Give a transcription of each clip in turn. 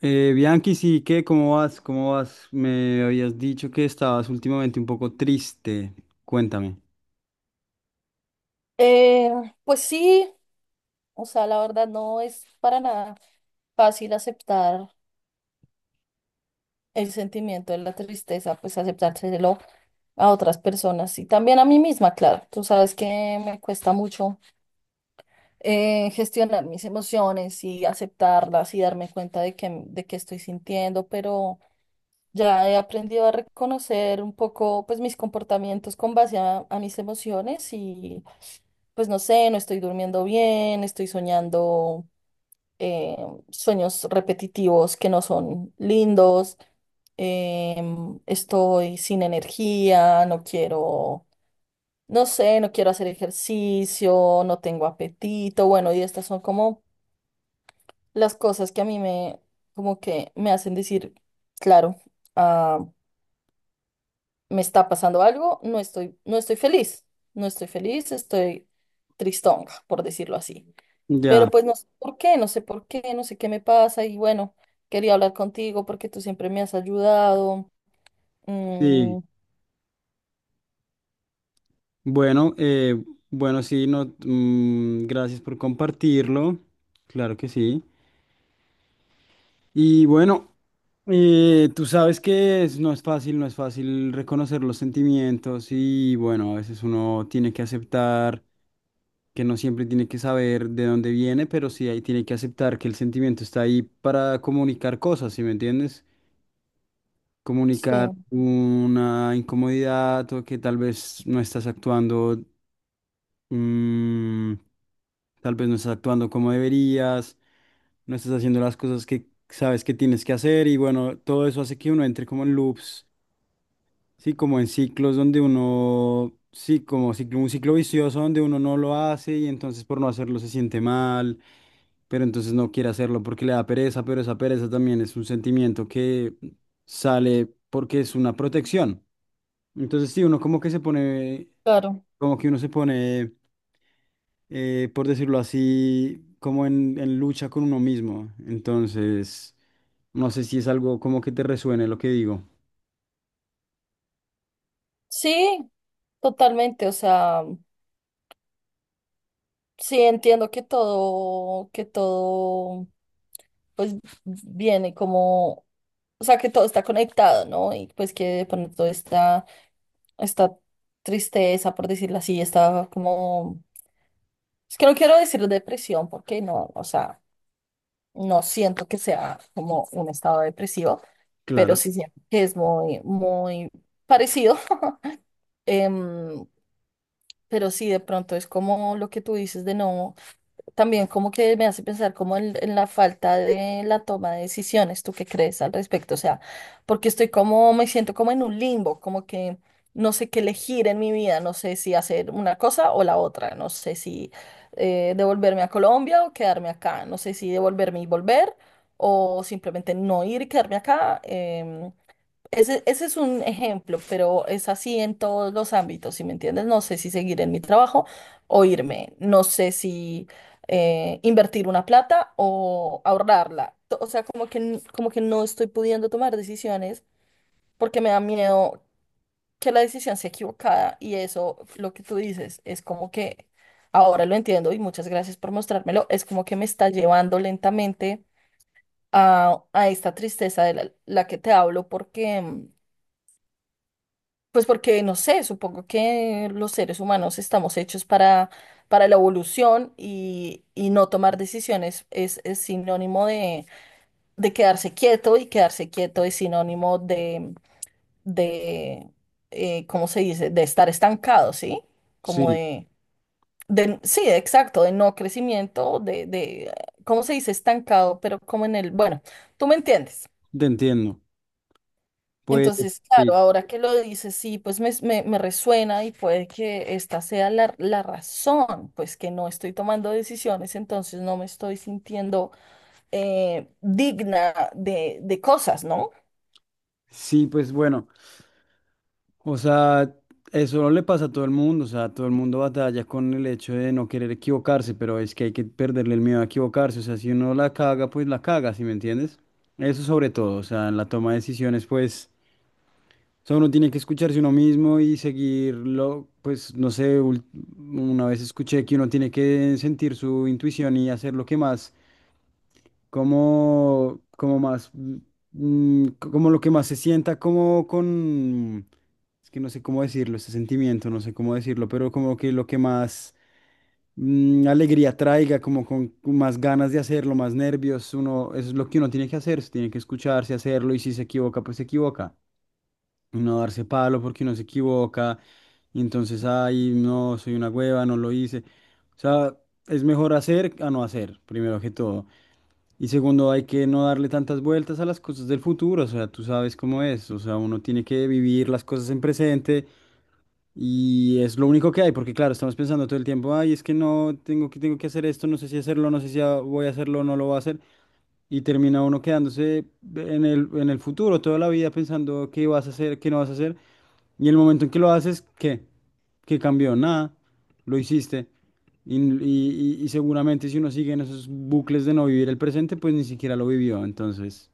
Bianchi, sí, ¿qué? ¿Cómo vas? ¿Cómo vas? Me habías dicho que estabas últimamente un poco triste. Cuéntame. Eh, pues sí, o sea, la verdad no es para nada fácil aceptar el sentimiento de la tristeza, pues aceptárselo a otras personas y también a mí misma, claro. Tú sabes que me cuesta mucho gestionar mis emociones y aceptarlas y darme cuenta de que estoy sintiendo, pero ya he aprendido a reconocer un poco, pues, mis comportamientos con base a mis emociones y pues no sé, no estoy durmiendo bien, estoy soñando eh, sueños repetitivos que no son lindos. Estoy sin energía, no quiero, no sé, no quiero hacer ejercicio, no tengo apetito. Bueno, y estas son como las cosas que a como que me hacen decir, claro, ah, me está pasando algo, no estoy feliz, no estoy feliz, estoy tristonga, por decirlo así. Ya, Pero pues no sé por qué, no sé por qué, no sé qué me pasa y bueno, quería hablar contigo porque tú siempre me has ayudado. sí. Mm, Bueno, bueno, sí, no, gracias por compartirlo. Claro que sí. Y bueno, tú sabes que no es fácil, no es fácil reconocer los sentimientos y bueno, a veces uno tiene que aceptar que no siempre tiene que saber de dónde viene, pero sí ahí tiene que aceptar que el sentimiento está ahí para comunicar cosas, ¿sí me entiendes? Comunicar sí, una incomodidad o que tal vez no estás actuando, mm, tal vez no estás actuando como deberías, no estás haciendo las cosas que sabes que tienes que hacer y bueno, todo eso hace que uno entre como en loops. Sí, como en ciclos donde uno, sí, como un ciclo vicioso donde uno no lo hace y entonces por no hacerlo se siente mal, pero entonces no quiere hacerlo porque le da pereza, pero esa pereza también es un sentimiento que sale porque es una protección. Entonces sí, uno como que se pone, claro. como que uno se pone, por decirlo así, como en lucha con uno mismo. Entonces, no sé si es algo como que te resuene lo que digo. Sí, totalmente, o sea. Sí, entiendo que todo pues viene como, o sea, que todo está conectado, ¿no? Y pues que de pronto está esta tristeza, por decirlo así, está como, es que no quiero decir depresión, porque no, o sea, no siento que sea como un estado depresivo, pero Claro, sí siento que es muy, muy parecido. Em, pero sí, de pronto es como lo que tú dices de no. También como que me hace pensar como en la falta de la toma de decisiones. ¿Tú qué crees al respecto? O sea, porque estoy como, me siento como en un limbo, como que no sé qué elegir en mi vida, no sé si hacer una cosa o la otra, no sé si devolverme a Colombia o quedarme acá, no sé si devolverme y volver o simplemente no ir y quedarme acá. Ese es un ejemplo, pero es así en todos los ámbitos, ¿si me entiendes? No sé si seguir en mi trabajo o irme, no sé si invertir una plata o ahorrarla. O sea, como que, como que no estoy pudiendo tomar decisiones porque me da miedo que la decisión sea equivocada. Y eso, lo que tú dices, es como que ahora lo entiendo y muchas gracias por mostrármelo, es como que me está llevando lentamente a esta tristeza de la que te hablo porque... mm, pues porque no sé, supongo que los seres humanos estamos hechos para la evolución y no tomar decisiones es sinónimo de quedarse quieto, y quedarse quieto es sinónimo de ¿cómo se dice? De estar estancado, ¿sí? Como sí, de, sí, exacto, de no crecimiento, de, ¿cómo se dice? Estancado, pero como en el, bueno, tú me entiendes. te entiendo. Pues Entonces, claro, sí, ahora que lo dices, sí, pues me resuena y puede que esta sea la, la razón, pues que no estoy tomando decisiones, entonces no me estoy sintiendo digna de cosas, ¿no? sí, pues bueno, o sea, eso no le pasa a todo el mundo, o sea, todo el mundo batalla con el hecho de no querer equivocarse, pero es que hay que perderle el miedo a equivocarse, o sea, si uno la caga, pues la caga, ¿sí me entiendes? Eso sobre todo, o sea, en la toma de decisiones, pues, o sea, uno tiene que escucharse uno mismo y seguirlo, pues, no sé, una vez escuché que uno tiene que sentir su intuición y hacer lo que más como, como más, mm, como lo que más se sienta, como con, es que no sé cómo decirlo, ese sentimiento, no sé cómo decirlo, pero como que lo que más mm, alegría traiga, como con más ganas de hacerlo, más nervios, uno, eso es lo que uno tiene que hacer, se tiene que escucharse, hacerlo, y si se equivoca, pues se equivoca, no darse palo porque uno se equivoca, y entonces, ay, no, soy una hueva, no lo hice. O sea, es mejor hacer a no hacer, primero que todo. Y segundo, hay que no darle tantas vueltas a las cosas del futuro, o sea, tú sabes cómo es, o sea, uno tiene que vivir las cosas en presente y es lo único que hay, porque claro, estamos pensando todo el tiempo, ay, es que no, tengo que hacer esto, no sé si hacerlo, no sé si voy a hacerlo, no lo voy a hacer. Y termina uno quedándose en en el futuro, toda la vida pensando qué vas a hacer, qué no vas a hacer. Y el momento en que lo haces, ¿qué? ¿Qué cambió? Nada, lo hiciste. Y, y seguramente si uno sigue en esos bucles de no vivir el presente, pues ni siquiera lo vivió. Entonces,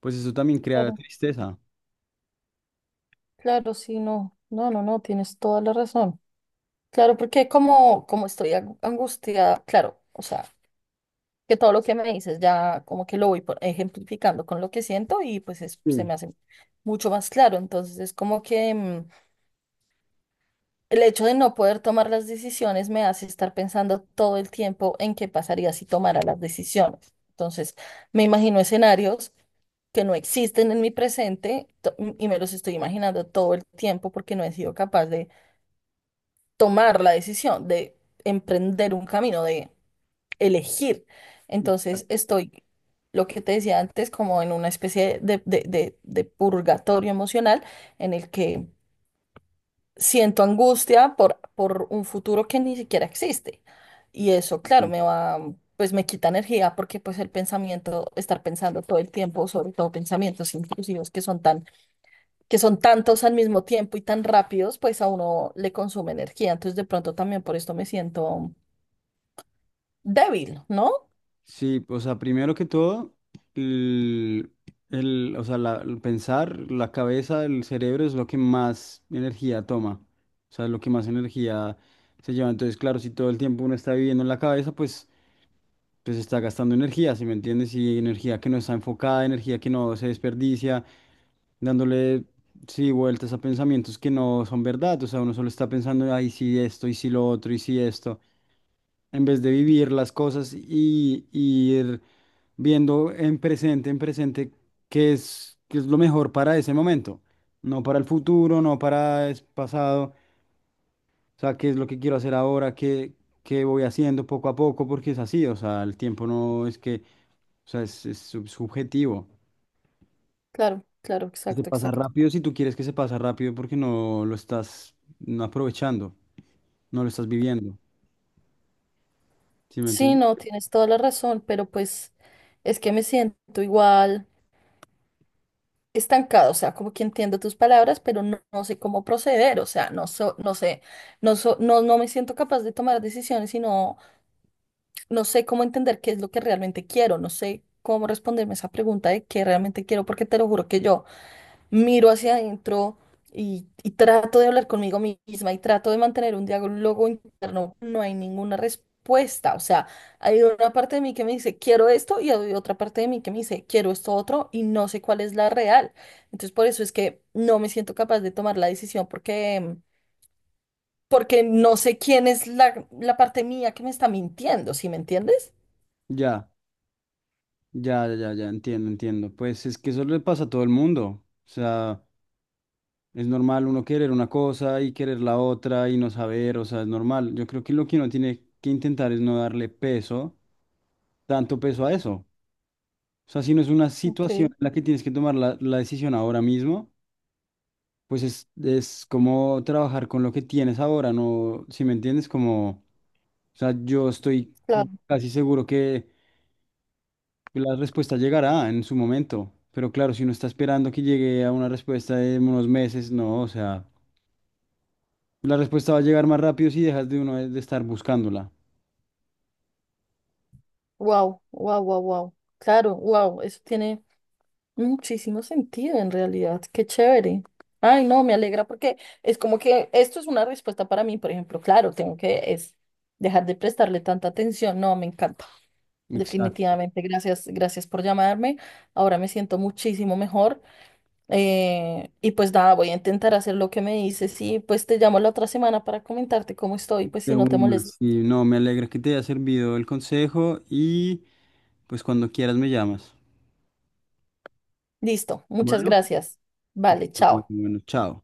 pues eso también crea Claro, tristeza. claro, sí, no, no, no, no, tienes toda la razón. Claro, porque como, como estoy angustiada, claro, o sea, que todo lo que me dices ya como que lo voy ejemplificando con lo que siento y pues se me hace mucho más claro, entonces es como que... mm, el hecho de no poder tomar las decisiones me hace estar pensando todo el tiempo en qué pasaría si tomara las decisiones. Entonces, me imagino escenarios que no existen en mi presente y me los estoy imaginando todo el tiempo porque no he sido capaz de tomar la decisión, de emprender un camino, de elegir. Entonces, estoy, lo que te decía antes, como en una especie de, de purgatorio emocional en el que siento angustia por un futuro que ni siquiera existe. Y eso, claro, Sí. me va, pues me quita energía porque pues el pensamiento, estar pensando todo el tiempo, sobre todo pensamientos intrusivos que son tan, que son tantos al mismo tiempo y tan rápidos, pues a uno le consume energía. Entonces de pronto también por esto me siento débil, ¿no? Sí, o sea, primero que todo, el, o sea, el pensar, la cabeza, el cerebro es lo que más energía toma, o sea, es lo que más energía se lleva. Entonces, claro, si todo el tiempo uno está viviendo en la cabeza, pues, pues está gastando energía, ¿sí me entiendes? Y energía que no está enfocada, energía que no se desperdicia, dándole, sí, vueltas a pensamientos que no son verdad, o sea, uno solo está pensando, ay, sí, esto, y sí, lo otro, y sí, esto en vez de vivir las cosas y ir viendo en presente, qué es lo mejor para ese momento, no para el futuro, no para el pasado, o sea, qué es lo que quiero hacer ahora, qué, qué voy haciendo poco a poco, porque es así, o sea, el tiempo no es que, o sea, es subjetivo. Claro, claro, Se exacto, pasa exacto. rápido si tú quieres que se pasa rápido porque no lo estás no aprovechando, no lo estás viviendo, ¿sí me Sí, entiendes? no, tienes toda la razón, pero pues es que me siento igual. Estancado, o sea, como que entiendo tus palabras, pero no, no sé cómo proceder, o sea, no, no sé, no, no me siento capaz de tomar decisiones y no, no sé cómo entender qué es lo que realmente quiero, no sé cómo responderme esa pregunta de qué realmente quiero, porque te lo juro que yo miro hacia adentro y trato de hablar conmigo misma y trato de mantener un diálogo interno, no hay ninguna respuesta. O sea, hay una parte de mí que me dice, quiero esto, y hay otra parte de mí que me dice, quiero esto otro, y no sé cuál es la real. Entonces, por eso es que no me siento capaz de tomar la decisión porque, porque no sé quién es la parte mía que me está mintiendo, ¿sí me entiendes? Ya. Ya, ya, ya, ya, entiendo, entiendo. Pues es que eso le pasa a todo el mundo. O sea, es normal uno querer una cosa y querer la otra y no saber, o sea, es normal. Yo creo que lo que uno tiene que intentar es no darle peso, tanto peso a eso. O sea, si no es una situación Ok, en la que tienes que tomar la decisión ahora mismo, pues es como trabajar con lo que tienes ahora, ¿no? Si me entiendes, como... O sea, yo estoy claro. casi seguro que la respuesta llegará en su momento, pero claro, si uno está esperando que llegue a una respuesta de unos meses, no, o sea, la respuesta va a llegar más rápido si dejas de uno de estar buscándola. Wow, wow, wow, wow. Claro, wow, eso tiene... muchísimo sentido en realidad, qué chévere. Ay, no, me alegra porque es como que esto es una respuesta para mí, por ejemplo, claro, tengo que es dejar de prestarle tanta atención. No, me encanta. Exacto. Definitivamente, gracias, gracias por llamarme. Ahora me siento muchísimo mejor. Y pues nada, voy a intentar hacer lo que me dices y pues te llamo la otra semana para comentarte cómo estoy, pues De si no te una, molesta. sí, no, me alegra que te haya servido el consejo y pues cuando quieras me llamas. Listo, muchas Bueno, pues, gracias. Vale, bueno, chao. bueno, chao.